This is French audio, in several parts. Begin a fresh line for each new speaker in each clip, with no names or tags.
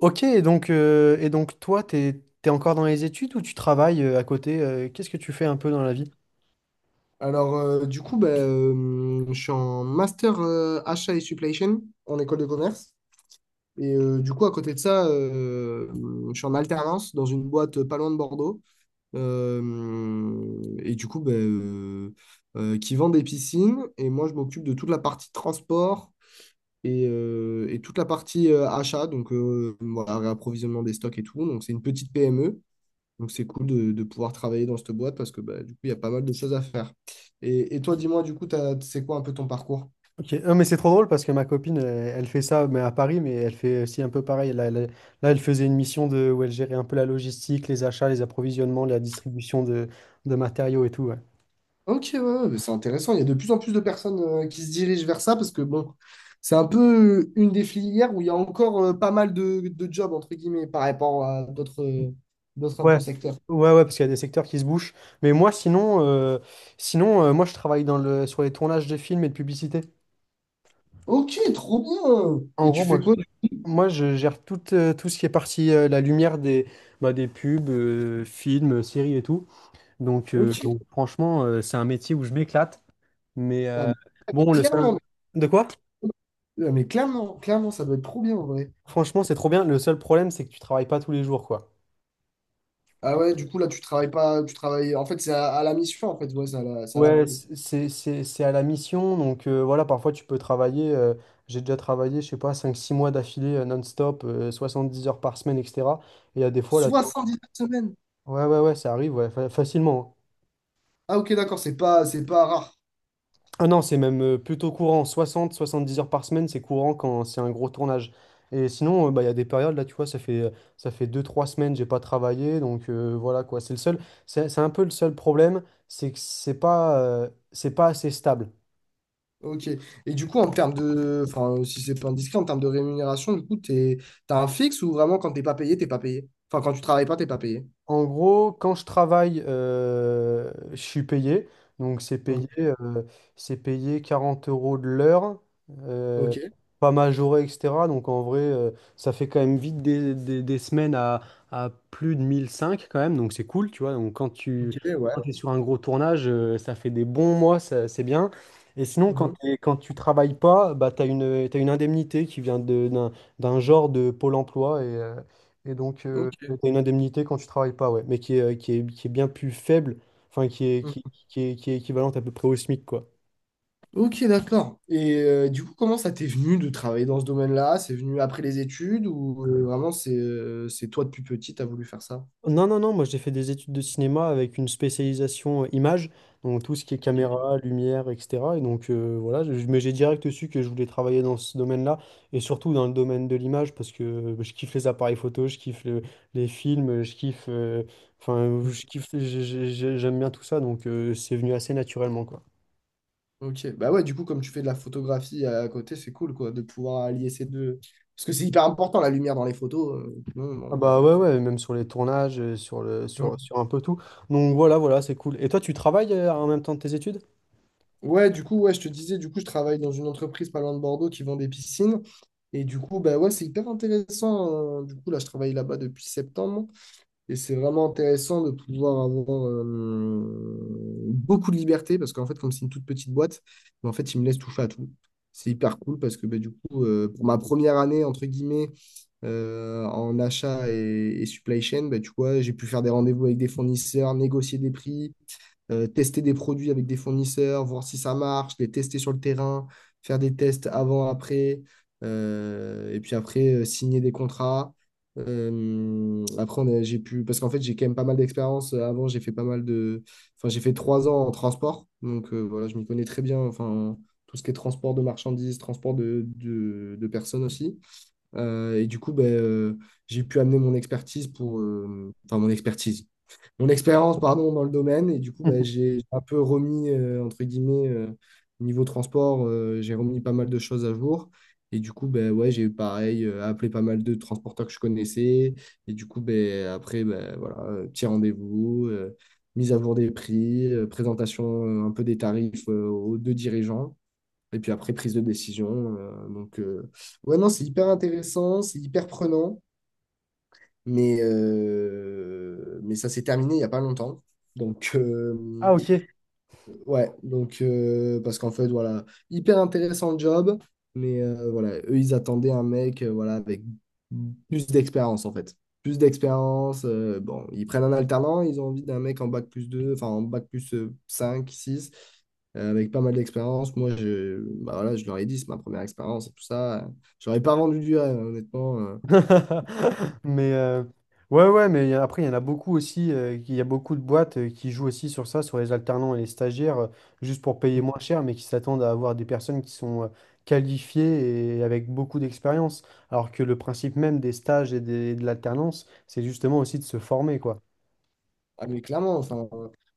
Ok, et donc toi, t'es encore dans les études ou tu travailles à côté? Qu'est-ce que tu fais un peu dans la vie?
Alors, du coup, bah, je suis en master achat et supply chain en école de commerce. Et du coup, à côté de ça, je suis en alternance dans une boîte pas loin de Bordeaux. Et du coup, bah, qui vend des piscines. Et moi, je m'occupe de toute la partie transport et toute la partie achat, donc voilà, réapprovisionnement des stocks et tout. Donc, c'est une petite PME. Donc c'est cool de pouvoir travailler dans cette boîte parce que bah, du coup, il y a pas mal de choses à faire. Et toi, dis-moi, du coup, c'est quoi un peu ton parcours?
Ok, non, mais c'est trop drôle parce que ma copine, elle, elle fait ça mais à Paris, mais elle fait aussi un peu pareil. Là, elle faisait une mission de, où elle gérait un peu la logistique, les achats, les approvisionnements, la distribution de matériaux et tout. Ouais.
Ok, ouais, ouais, mais c'est intéressant. Il y a de plus en plus de personnes qui se dirigent vers ça parce que bon, c'est un peu une des filières où il y a encore pas mal de jobs, entre guillemets, par rapport à d'autres un
Ouais,
peu secteurs.
ouais, parce qu'il y a des secteurs qui se bouchent. Mais moi, sinon, moi, je travaille dans le, sur les tournages de films et de publicités.
Ok, trop bien.
En
Et tu
gros, moi,
fais quoi?
Moi, je gère tout, tout ce qui est partie la lumière des, bah, des pubs, films, séries et tout. Donc, euh,
Ok.
donc franchement, c'est un métier où je m'éclate. Mais
Ah, mais
bon, le seul...
clairement,
De quoi?
mais clairement, clairement, ça doit être trop bien en vrai.
Franchement, c'est trop bien. Le seul problème, c'est que tu travailles pas tous les jours, quoi.
Ah ouais, du coup, là, tu travailles pas, tu travailles. En fait, c'est à la mission, en fait, ouais, ça la
Ouais,
plume.
c'est à la mission. Donc voilà, parfois, tu peux travailler. J'ai déjà travaillé, je sais pas, 5 6 mois d'affilée non-stop, 10 heures par semaine, etc. Et il y a des fois, là, tu vois.
79 semaines.
Ouais, ouais, ouais, ça arrive, ouais, facilement, hein.
Ah ok, d'accord, c'est pas rare.
Ah non, c'est même plutôt courant. 60-70 heures par semaine, c'est courant quand c'est un gros tournage. Et sinon, bah, il y a des périodes, là, tu vois, ça fait 2 3 semaines, j'ai pas travaillé. Donc voilà, quoi. C'est un peu le seul problème, c'est que c'est pas assez stable.
Ok. Et du coup, en termes de. Enfin, si c'est pas indiscret, en termes de rémunération, du coup, t'as un fixe ou vraiment quand t'es pas payé, t'es pas payé? Enfin, quand tu travailles pas, t'es pas payé.
En gros, quand je travaille, je suis payé. Donc, c'est payé,
Ok,
euh, c'est payé 40 € de l'heure, euh,
ok,
pas majoré, etc. Donc, en vrai, ça fait quand même vite des semaines à plus de 1005 quand même. Donc, c'est cool, tu vois. Donc, quand tu
ok, ouais.
es sur un gros tournage, ça fait des bons mois, c'est bien. Et sinon, quand,
Mhm.
quand tu travailles pas, bah, t'as une indemnité qui vient d'un d'un genre de Pôle emploi. Et donc,
Ok.
t'as une indemnité quand tu travailles pas, ouais, mais qui est bien plus faible, enfin, qui est, qui,
Mhm.
qui est, qui est équivalente à peu près au SMIC, quoi.
Ok, d'accord. Et du coup, comment ça t'est venu de travailler dans ce domaine-là? C'est venu après les études ou vraiment c'est toi depuis petit, t'as voulu faire ça?
Non, non, non, moi j'ai fait des études de cinéma avec une spécialisation image, donc tout ce qui est caméra, lumière, etc. Et donc voilà, mais j'ai direct su que je voulais travailler dans ce domaine-là, et surtout dans le domaine de l'image, parce que je kiffe les appareils photo, je kiffe les films, je kiffe, je kiffe, j'aime bien tout ça, donc c'est venu assez naturellement, quoi.
Ok, bah ouais, du coup, comme tu fais de la photographie à côté, c'est cool, quoi, de pouvoir allier ces deux. Parce que c'est hyper important, la lumière dans les photos. Sinon,
Ah
bon,
bah
bah,
ouais, ouais, même sur les tournages, euh, sur le, sur,
Mm.
sur un peu tout. Donc voilà, c'est cool. Et toi, tu travailles en même temps de tes études?
Ouais, du coup, ouais, je te disais, du coup, je travaille dans une entreprise pas loin de Bordeaux qui vend des piscines. Et du coup, bah ouais, c'est hyper intéressant. Du coup, là, je travaille là-bas depuis septembre. Et c'est vraiment intéressant de pouvoir avoir beaucoup de liberté. Parce qu'en fait, comme c'est une toute petite boîte, mais en fait, ils me laissent toucher à tout. C'est hyper cool parce que bah, du coup, pour ma première année, entre guillemets, en achat et supply chain, bah, tu vois, j'ai pu faire des rendez-vous avec des fournisseurs, négocier des prix, tester des produits avec des fournisseurs, voir si ça marche, les tester sur le terrain, faire des tests avant, après, et puis après, signer des contrats. Après, j'ai pu, parce qu'en fait, j'ai quand même pas mal d'expérience. Avant, j'ai fait pas mal de, enfin, j'ai fait 3 ans en transport, donc voilà, je m'y connais très bien. Enfin, tout ce qui est transport de marchandises, transport de personnes aussi. Et du coup, ben, j'ai pu amener mon expertise pour, enfin mon expertise, mon expérience, pardon, dans le domaine. Et du coup, ben, j'ai un peu remis, entre guillemets, niveau transport, j'ai remis pas mal de choses à jour. Et du coup, ben, ouais, j'ai pareil, appelé pas mal de transporteurs que je connaissais. Et du coup, ben, après, ben, voilà, petit rendez-vous, mise à jour des prix, présentation un peu des tarifs, aux deux dirigeants. Et puis après, prise de décision. Donc, ouais, non, c'est hyper intéressant, c'est hyper prenant, mais ça s'est terminé il n'y a pas longtemps. Donc,
Ah ok.
ouais, donc parce qu'en fait, voilà, hyper intéressant le job, mais voilà, eux, ils attendaient un mec voilà, avec plus d'expérience en fait. Plus d'expérience. Bon, ils prennent un alternant, ils ont envie d'un mec en bac plus 2 enfin en bac plus 5 6 avec pas mal d'expérience. Moi, bah, voilà, je leur ai dit, c'est ma première expérience et tout ça. J'aurais pas vendu du rêve, hein, honnêtement.
Mais euh, ouais, ouais, mais après, il y en a beaucoup aussi, il y a beaucoup de boîtes qui jouent aussi sur ça, sur les alternants et les stagiaires, juste pour payer moins cher, mais qui s'attendent à avoir des personnes qui sont qualifiées et avec beaucoup d'expérience. Alors que le principe même des stages et de l'alternance, c'est justement aussi de se former, quoi.
Ah mais clairement, enfin,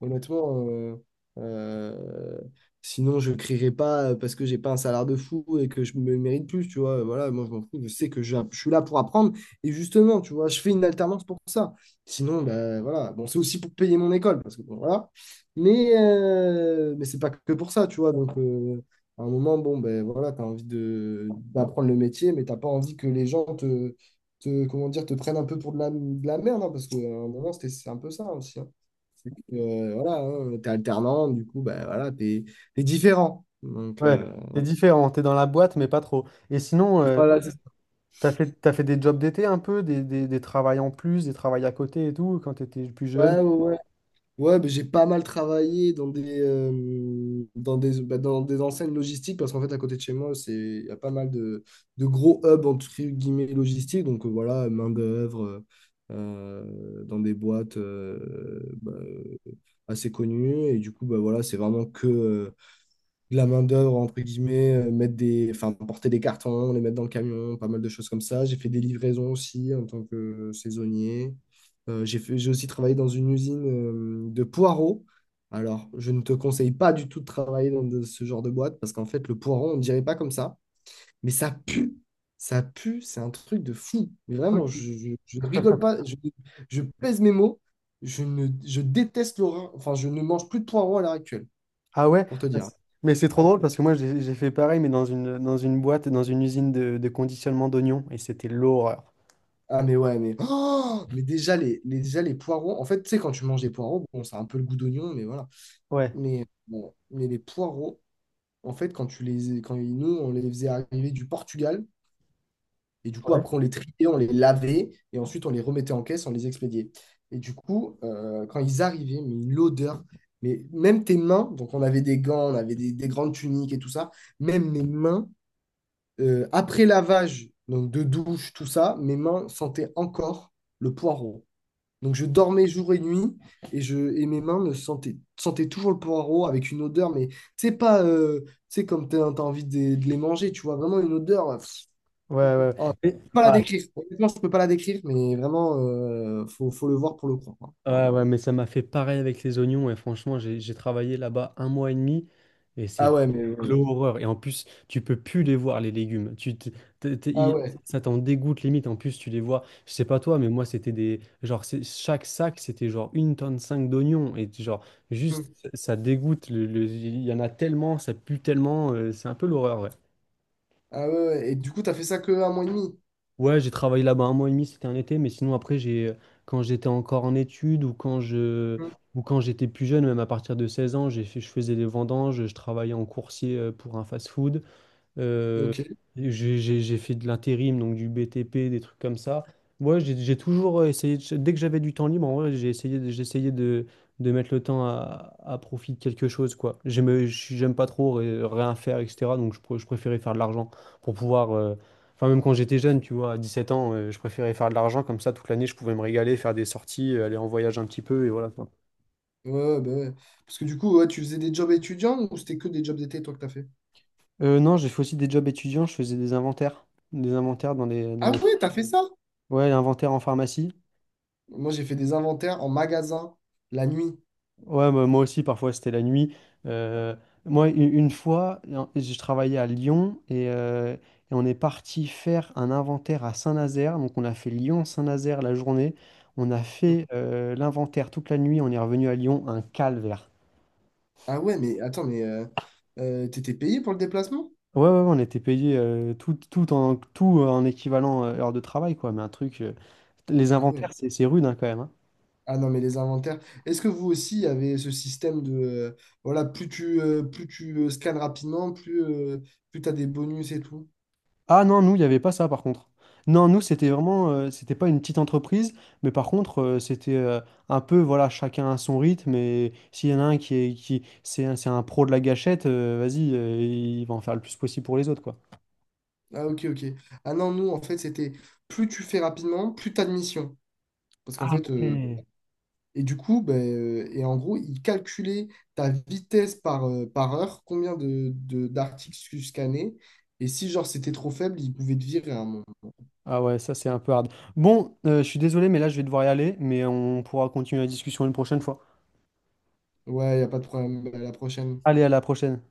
honnêtement, euh, sinon je crierai pas parce que j'ai pas un salaire de fou et que je me mérite plus, tu vois. Voilà, moi je m'en fous, je sais que je suis là pour apprendre et justement, tu vois, je fais une alternance pour ça. Sinon, ben voilà, bon, c'est aussi pour payer mon école parce que bon, voilà, mais c'est pas que pour ça, tu vois. Donc, à un moment, bon, ben voilà, t'as envie de d'apprendre le métier, mais t'as pas envie que les gens comment dire, te prennent un peu pour de la merde, hein, parce qu'à un moment, c'est un peu ça aussi. Hein. C'est que, voilà, hein, t'es alternant, du coup, bah, voilà, t'es différent. Donc,
Ouais, c'est différent, t'es dans la boîte, mais pas trop. Et sinon, ouais,
voilà,
t'as fait des jobs d'été un peu, des travails en plus, des travails à côté et tout, quand t'étais plus jeune.
ouais, ouais, ouais. Ouais, mais j'ai pas mal travaillé dans des enseignes logistiques, parce qu'en fait, à côté de chez moi, il y a pas mal de gros hubs, entre guillemets, logistiques. Donc, voilà, main-d'œuvre, dans des boîtes bah, assez connues. Et du coup, bah, voilà, c'est vraiment que. De la main-d'œuvre, entre guillemets, enfin, porter des cartons, les mettre dans le camion, pas mal de choses comme ça. J'ai fait des livraisons aussi en tant que saisonnier. J'ai aussi travaillé dans une usine de poireaux. Alors, je ne te conseille pas du tout de travailler dans ce genre de boîte parce qu'en fait, le poireau, on ne dirait pas comme ça, mais ça pue. Ça pue, c'est un truc de fou. Mais vraiment,
Ok.
je ne rigole pas, je pèse mes mots. Je, ne, je déteste l'horreur. Enfin, je ne mange plus de poireaux à l'heure actuelle,
Ah ouais?
pour te dire.
Mais c'est trop drôle parce que moi, j'ai fait pareil, mais dans une boîte, dans une usine de conditionnement d'oignons, et c'était l'horreur.
Ah mais ouais, mais, oh mais déjà, déjà les poireaux, en fait, tu sais, quand tu manges des poireaux, bon, ça a un peu le goût d'oignon, mais voilà.
Ouais.
Mais, bon, mais les poireaux, en fait, quand tu les, quand ils- nous, on les faisait arriver du Portugal, et du coup,
Ouais,
après, on les triait, on les lavait, et ensuite, on les remettait en caisse, on les expédiait. Et du coup, quand ils arrivaient, mais l'odeur, mais même tes mains, donc on avait des gants, on avait des grandes tuniques et tout ça, même mes mains, après lavage, donc de douche, tout ça, mes mains sentaient encore le poireau. Donc je dormais jour et nuit et mes mains me sentaient toujours le poireau avec une odeur, mais c'est pas tu sais, comme t'as as envie de les manger, tu vois, vraiment une odeur.
ouais, ouais.
Oh, je
Mais-
peux pas la
ah,
décrire. Honnêtement, je peux pas la décrire, mais vraiment, faut le voir pour le croire. Hein.
Ouais,
Vraiment.
ouais, mais ça m'a fait pareil avec les oignons. Et franchement, j'ai travaillé là-bas un mois et demi et
Ah
c'est
ouais, mais ouais.
l'horreur. Et en plus, tu peux plus les voir, les légumes. Tu, te- te- te-
Ah
i-
ouais.
Ça t'en dégoûte limite. En plus, tu les vois. Je sais pas toi, mais moi, c'était des. Genre, chaque sac, c'était genre une tonne cinq d'oignons. Et genre,
Hmm.
juste, ça dégoûte. Il y en a tellement, ça pue tellement. C'est un peu l'horreur, ouais.
Ah ouais, ouais. Et du coup, t'as fait ça que un mois et demi.
Ouais, j'ai travaillé là-bas un mois et demi, c'était un été, mais sinon après, quand j'étais encore en études
Hmm.
ou quand j'étais plus jeune, même à partir de 16 ans, je faisais des vendanges, je travaillais en coursier pour un fast-food. Euh,
Ok.
j'ai fait de l'intérim, donc du BTP, des trucs comme ça. Moi, j'ai toujours essayé, dès que j'avais du temps libre, en vrai, j'ai essayé de mettre le temps à profit de quelque chose, quoi. J'aime pas trop rien faire, etc. Donc, je préférais faire de l'argent pour pouvoir. Enfin, même quand j'étais jeune, tu vois, à 17 ans, je préférais faire de l'argent, comme ça, toute l'année, je pouvais me régaler, faire des sorties, aller en voyage un petit peu, et voilà, quoi.
Ouais, ouais, bah ouais. Parce que du coup, ouais, tu faisais des jobs étudiants ou c'était que des jobs d'été, toi, que t'as fait?
Non, j'ai fait aussi des jobs étudiants, je faisais des inventaires. Des inventaires dans dans
Ah
les...
ouais, t'as fait ça?
Ouais, inventaire en pharmacie.
Moi, j'ai fait des inventaires en magasin la nuit.
Ouais, bah, moi aussi, parfois, c'était la nuit. Euh, moi, une fois, je travaillais à Lyon et on est parti faire un inventaire à Saint-Nazaire. Donc, on a fait Lyon-Saint-Nazaire la journée. On a fait l'inventaire toute la nuit. On est revenu à Lyon, un calvaire.
Ah ouais, mais attends, mais t'étais payé pour le déplacement?
Ouais, ouais, ouais, on était payé tout, tout en équivalent heure de travail, quoi. Mais un truc. Les
Ah ouais.
inventaires, c'est rude, hein, quand même, hein.
Ah non, mais les inventaires. Est-ce que vous aussi avez ce système de voilà, plus tu scannes rapidement, plus t'as des bonus et tout?
Ah non, nous, il n'y avait pas ça par contre. Non, nous, c'était vraiment, c'était pas une petite entreprise, mais par contre, c'était un peu, voilà, chacun à son rythme, et s'il y en a un c'est un, c'est un pro de la gâchette, vas-y, il va en faire le plus possible pour les autres, quoi.
Ah ok, ok. Ah non, nous en fait c'était plus tu fais rapidement, plus t'as de missions. Parce qu'en
Ah
fait,
ouais.
et du coup, ben, et en gros, ils calculaient ta vitesse par heure, combien d'articles tu scannais. Et si genre c'était trop faible, ils pouvaient te virer à un moment.
Ah ouais, ça, c'est un peu hard. Bon, je suis désolé, mais là, je vais devoir y aller, mais on pourra continuer la discussion une prochaine fois.
Ouais, il n'y a pas de problème. Bah, À la prochaine.
Allez, à la prochaine.